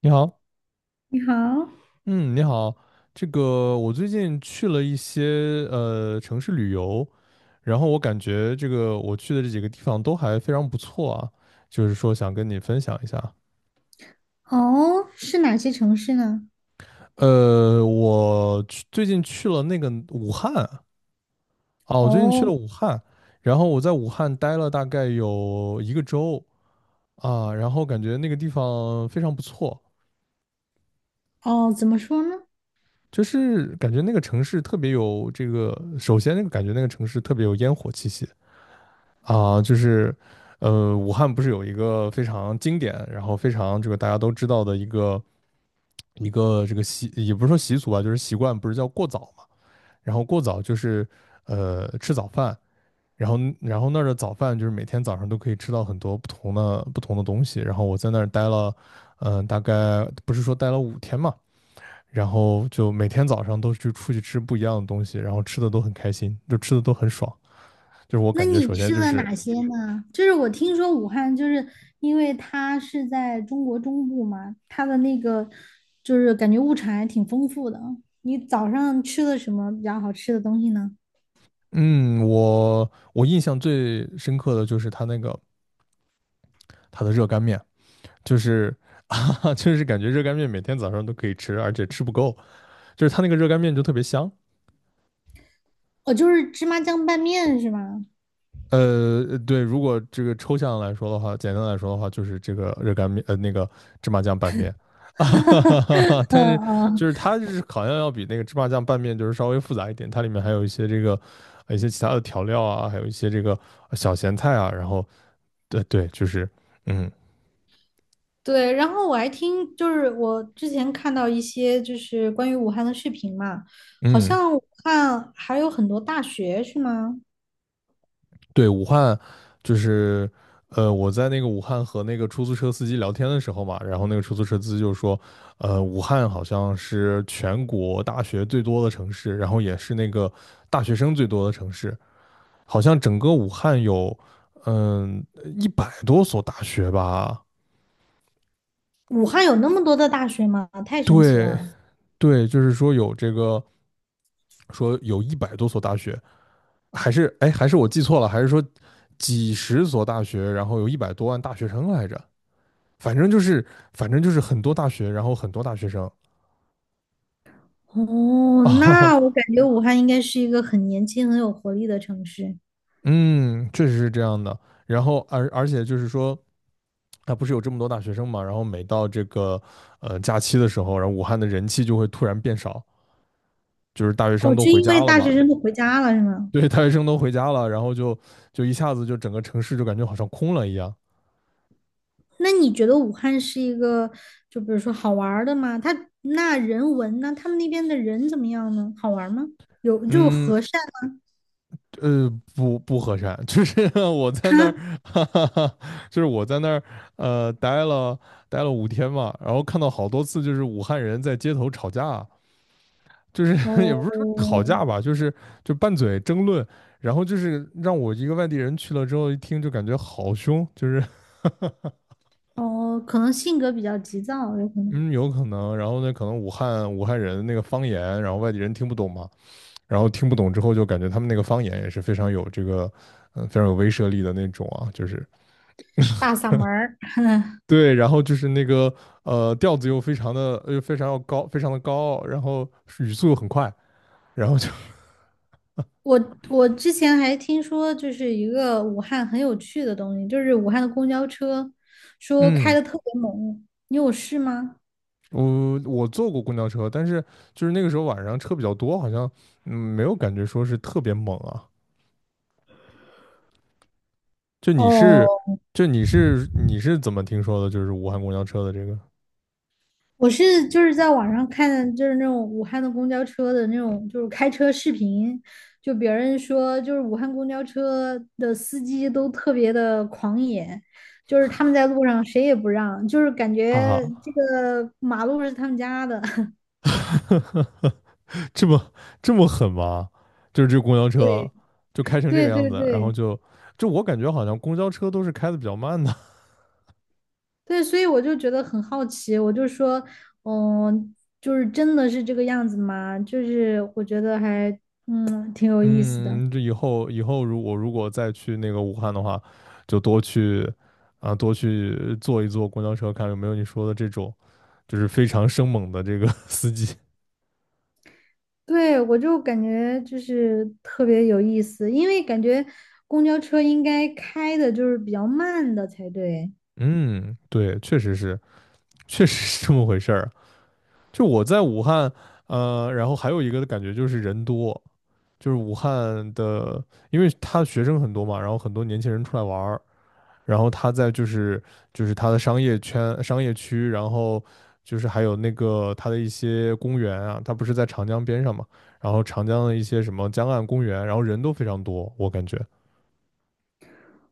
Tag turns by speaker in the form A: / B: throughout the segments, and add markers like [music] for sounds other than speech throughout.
A: 你好，
B: 你好。
A: 嗯，你好，这个我最近去了一些城市旅游，然后我感觉这个我去的这几个地方都还非常不错啊，就是说想跟你分享一下。
B: 哦，是哪些城市呢？
A: 最近去了那个武汉啊，我最近去
B: 哦
A: 了武汉，然后我在武汉待了大概有一个周啊，然后感觉那个地方非常不错，
B: 哦，怎么说呢？
A: 就是感觉那个城市特别有这个，首先那个感觉那个城市特别有烟火气息。啊，就是，武汉不是有一个非常经典，然后非常这个大家都知道的一个这个也不是说习俗吧，就是习惯，不是叫过早嘛？然后过早就是吃早饭，然后那儿的早饭就是每天早上都可以吃到很多不同的东西。然后我在那儿待了，大概不是说待了五天嘛，然后就每天早上都去出去吃不一样的东西，然后吃的都很开心，就吃的都很爽。就是我
B: 那
A: 感觉，
B: 你
A: 首先
B: 吃
A: 就
B: 了
A: 是
B: 哪些呢？就是我听说武汉，就是因为它是在中国中部嘛，它的那个就是感觉物产还挺丰富的。你早上吃了什么比较好吃的东西呢？
A: 嗯，我印象最深刻的就是他那个他的热干面，就是 [laughs] 哈，就是感觉热干面每天早上都可以吃，而且吃不够，就是他那个热干面就特别香。
B: 哦，就是芝麻酱拌面是吗？
A: 对，如果这个抽象来说的话，简单来说的话，就是这个热干面，那个芝麻酱拌面，[laughs] 哈
B: [laughs]
A: 哈哈。
B: 嗯
A: 但是就
B: 嗯，
A: 是它就是好像要比那个芝麻酱拌面就是稍微复杂一点，它里面还有一些其他的调料啊，还有一些这个小咸菜啊，然后对对，就是嗯
B: 对，然后我还听，就是我之前看到一些就是关于武汉的视频嘛，好
A: 嗯。
B: 像武汉还有很多大学是吗？
A: 对，武汉就是，我在那个武汉和那个出租车司机聊天的时候嘛，然后那个出租车司机就说，武汉好像是全国大学最多的城市，然后也是那个大学生最多的城市，好像整个武汉有，嗯，一百多所大学吧？
B: 武汉有那么多的大学吗？太神奇
A: 对，
B: 了！
A: 对，就是说有这个，说有一百多所大学，还是，哎，还是我记错了，还是说几十所大学，然后有100多万大学生来着？反正就是很多大学，然后很多大学生
B: 哦，
A: [laughs]
B: 那我
A: 啊，
B: 感觉武汉应该是一个很年轻、很有活力的城市。
A: 嗯，确实是这样的。然后而且就是说，啊，不是有这么多大学生嘛，然后每到这个假期的时候，然后武汉的人气就会突然变少，就是大学生
B: 哦，
A: 都
B: 就
A: 回
B: 因为
A: 家了
B: 大
A: 嘛，
B: 学生都回家了是吗？
A: 对，大学生都回家了，然后就一下子就整个城市就感觉好像空了一样。
B: 那你觉得武汉是一个，就比如说好玩儿的吗？他那人文呢？他们那边的人怎么样呢？好玩儿吗？有就
A: 嗯，
B: 和善吗？
A: 呃，不不和善，就是 [laughs] 我在那儿，[laughs] 哈哈哈，就是我在那儿，呃，待了待了五天嘛，然后看到好多次就是武汉人在街头吵架，就是
B: [laughs]
A: [laughs] 也不是说吵
B: 哦，
A: 架吧，就是就拌嘴争论，然后就是让我一个外地人去了之后一听就感觉好凶，就是
B: 哦，可能性格比较急躁，有可能。
A: 嗯有可能，然后呢可能武汉人那个方言，然后外地人听不懂嘛，然后听不懂之后就感觉他们那个方言也是非常有这个，非常有威慑力的那种啊，就是。
B: 大嗓门儿。
A: 对，然后就是那个调子又非常要高，非常的高傲，然后语速又很快，然后就 [laughs]
B: 我之前还听说，就是一个武汉很有趣的东西，就是武汉的公交车，说开
A: 嗯，
B: 的特别猛。你有试吗？
A: 我坐过公交车，但是就是那个时候晚上车比较多，好像没有感觉说是特别猛啊。就你是
B: 哦，
A: 你是怎么听说的？就是武汉公交车的这个，
B: 我是就是在网上看，就是那种武汉的公交车的那种，就是开车视频，就别人说，就是武汉公交车的司机都特别的狂野，就是他们在路上谁也不让，就是感
A: 哈
B: 觉这
A: 哈，
B: 个马路是他们家的。
A: [laughs] 这么这么狠吗？就是这公交车
B: 对
A: 就开成这个
B: 对
A: 样
B: 对
A: 子，然后
B: 对
A: 就我感觉好像公交车都是开的比较慢的。
B: 对，所以我就觉得很好奇，我就说，嗯，就是真的是这个样子吗？就是我觉得还，嗯，挺有意思的。
A: 嗯，这以后如果再去那个武汉的话，就多去坐一坐公交车，看有没有你说的这种，就是非常生猛的这个 [laughs] 司机。
B: 对，我就感觉就是特别有意思，因为感觉公交车应该开的就是比较慢的才对。
A: 嗯，对，确实是，确实是这么回事儿。就我在武汉，然后还有一个的感觉就是人多，就是武汉的，因为他学生很多嘛，然后很多年轻人出来玩儿，然后他在就是就是他的商业圈、商业区，然后就是还有那个他的一些公园啊，他不是在长江边上嘛，然后长江的一些什么江岸公园，然后人都非常多，我感觉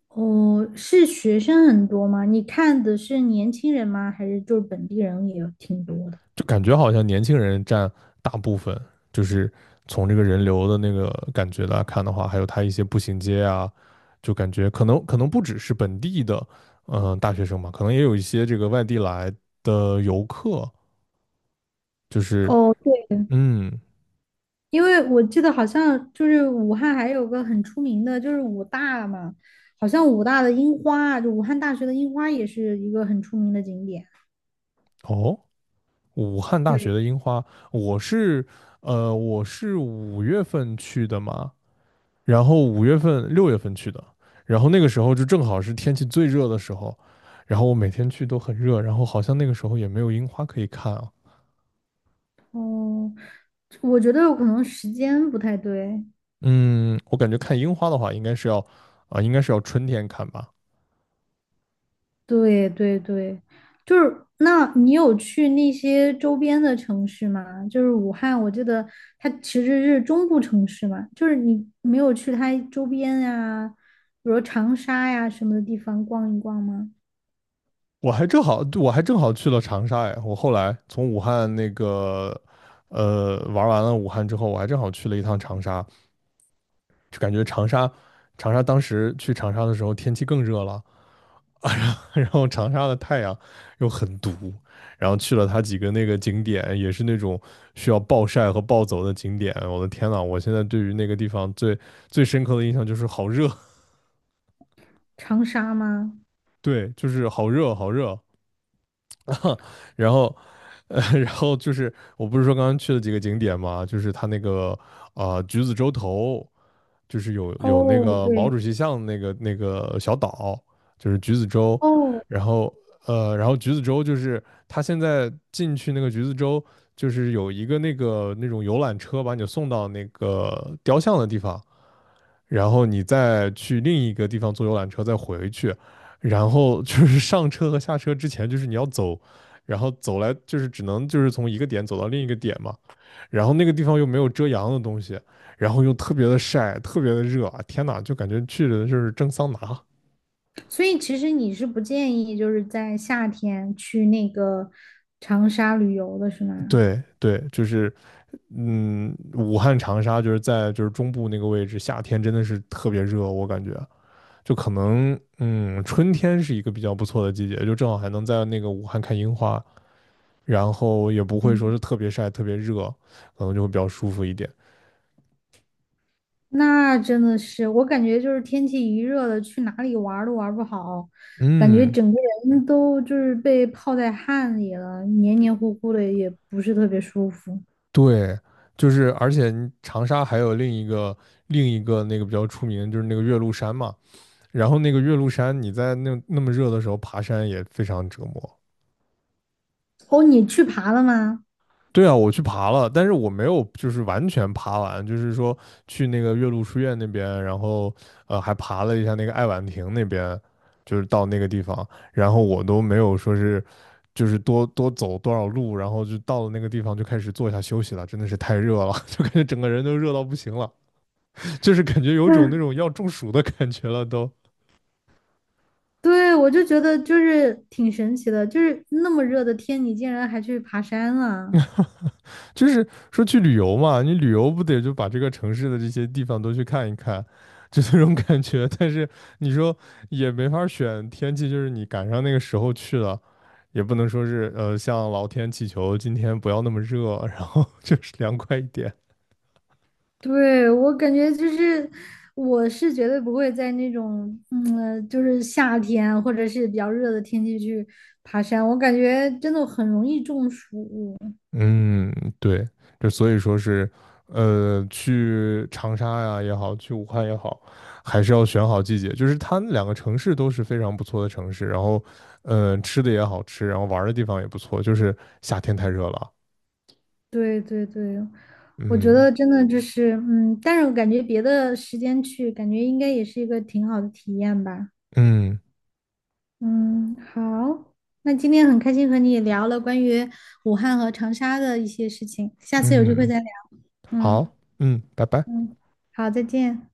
B: 哦，是学生很多吗？你看的是年轻人吗？还是就是本地人也挺多的？
A: 就感觉好像年轻人占大部分，就是从这个人流的那个感觉来看的话，还有他一些步行街啊，就感觉可能不只是本地的大学生嘛，可能也有一些这个外地来的游客，就是
B: 哦，对，
A: 嗯
B: 因为我记得好像就是武汉还有个很出名的，就是武大嘛，好像武大的樱花，就武汉大学的樱花也是一个很出名的景点。
A: 哦。武汉大学
B: 对。
A: 的樱花，我是我是五月份去的嘛，然后5月份6月份去的，然后那个时候就正好是天气最热的时候，然后我每天去都很热，然后好像那个时候也没有樱花可以看啊。
B: 哦，我觉得有可能时间不太对。
A: 嗯，我感觉看樱花的话，应该是要应该是要春天看吧。
B: 对对对，就是那你有去那些周边的城市吗？就是武汉，我记得它其实是中部城市嘛，就是你没有去它周边呀，比如长沙呀什么的地方逛一逛吗？
A: 我还正好去了长沙哎，我后来从武汉那个呃玩完了武汉之后，我还正好去了一趟长沙，就感觉长沙当时去长沙的时候天气更热了，[laughs] 然后长沙的太阳又很毒，然后去了它几个那个景点，也是那种需要暴晒和暴走的景点。我的天呐，我现在对于那个地方最深刻的印象就是好热，
B: 长沙吗？
A: [laughs] 对，就是好热好热。[laughs] 然后，[laughs] 然后就是我不是说刚刚去了几个景点嘛，就是它那个橘子洲头，就是有那
B: 哦，
A: 个毛
B: 对。
A: 主席像那个小岛，就是橘子洲，
B: 哦，
A: 然后然后橘子洲就是他现在进去那个橘子洲，就是有一个那个那种游览车把你送到那个雕像的地方，然后你再去另一个地方坐游览车再回去，然后就是 [laughs] 上车和下车之前就是你要走，然后走来就是只能就是从一个点走到另一个点嘛，然后那个地方又没有遮阳的东西，然后又特别的晒，特别的热，天呐，就感觉去的就是蒸桑拿。
B: 所以其实你是不建议就是在夏天去那个长沙旅游的是吗？
A: 对对，就是嗯，武汉、长沙就是在就是中部那个位置，夏天真的是特别热，我感觉就可能春天是一个比较不错的季节，就正好还能在那个武汉看樱花，然后也不会说
B: 嗯，
A: 是特别晒、特别热，可能就会比较舒服一点。
B: 那真的是，我感觉就是天气一热了，去哪里玩儿都玩儿不好，感觉
A: 嗯，
B: 整个人都就是被泡在汗里了，黏黏糊糊的，也不是特别舒服。
A: 对，就是而且你长沙还有另一个那个比较出名的就是那个岳麓山嘛，然后那个岳麓山你在那那么热的时候爬山也非常折磨。
B: 哦，你去爬了吗？
A: 对啊，我去爬了，但是我没有就是完全爬完，就是说去那个岳麓书院那边，然后还爬了一下那个爱晚亭那边，就是到那个地方，然后我都没有说是就是多走多少路，然后就到了那个地方就开始坐下休息了，真的是太热了，[laughs] 就感觉整个人都热到不行了。就是感觉有种那
B: 嗯，
A: 种要中暑的感觉了都。
B: 对，我就觉得就是挺神奇的，就是那么热的天，你竟然还去爬山了。
A: 就是说去旅游嘛，你旅游不得就把这个城市的这些地方都去看一看，就那种感觉。但是你说也没法选天气，就是你赶上那个时候去了，也不能说是向老天祈求今天不要那么热，然后 [laughs] 就是凉快一点。
B: 对，我感觉就是，我是绝对不会在那种，嗯，就是夏天或者是比较热的天气去爬山，我感觉真的很容易中暑。
A: 嗯，对，就所以说是，去长沙呀也好，去武汉也好，还是要选好季节。就是它那两个城市都是非常不错的城市，然后，吃的也好吃，然后玩儿的地方也不错。就是夏天太热了。
B: 对对对，我觉
A: 嗯
B: 得真的就是，嗯，但是我感觉别的时间去，感觉应该也是一个挺好的体验吧。
A: 嗯
B: 嗯，好，那今天很开心和你聊了关于武汉和长沙的一些事情，下次有机会
A: 嗯，
B: 再聊。嗯
A: 好，嗯，拜拜。
B: 嗯，好，再见。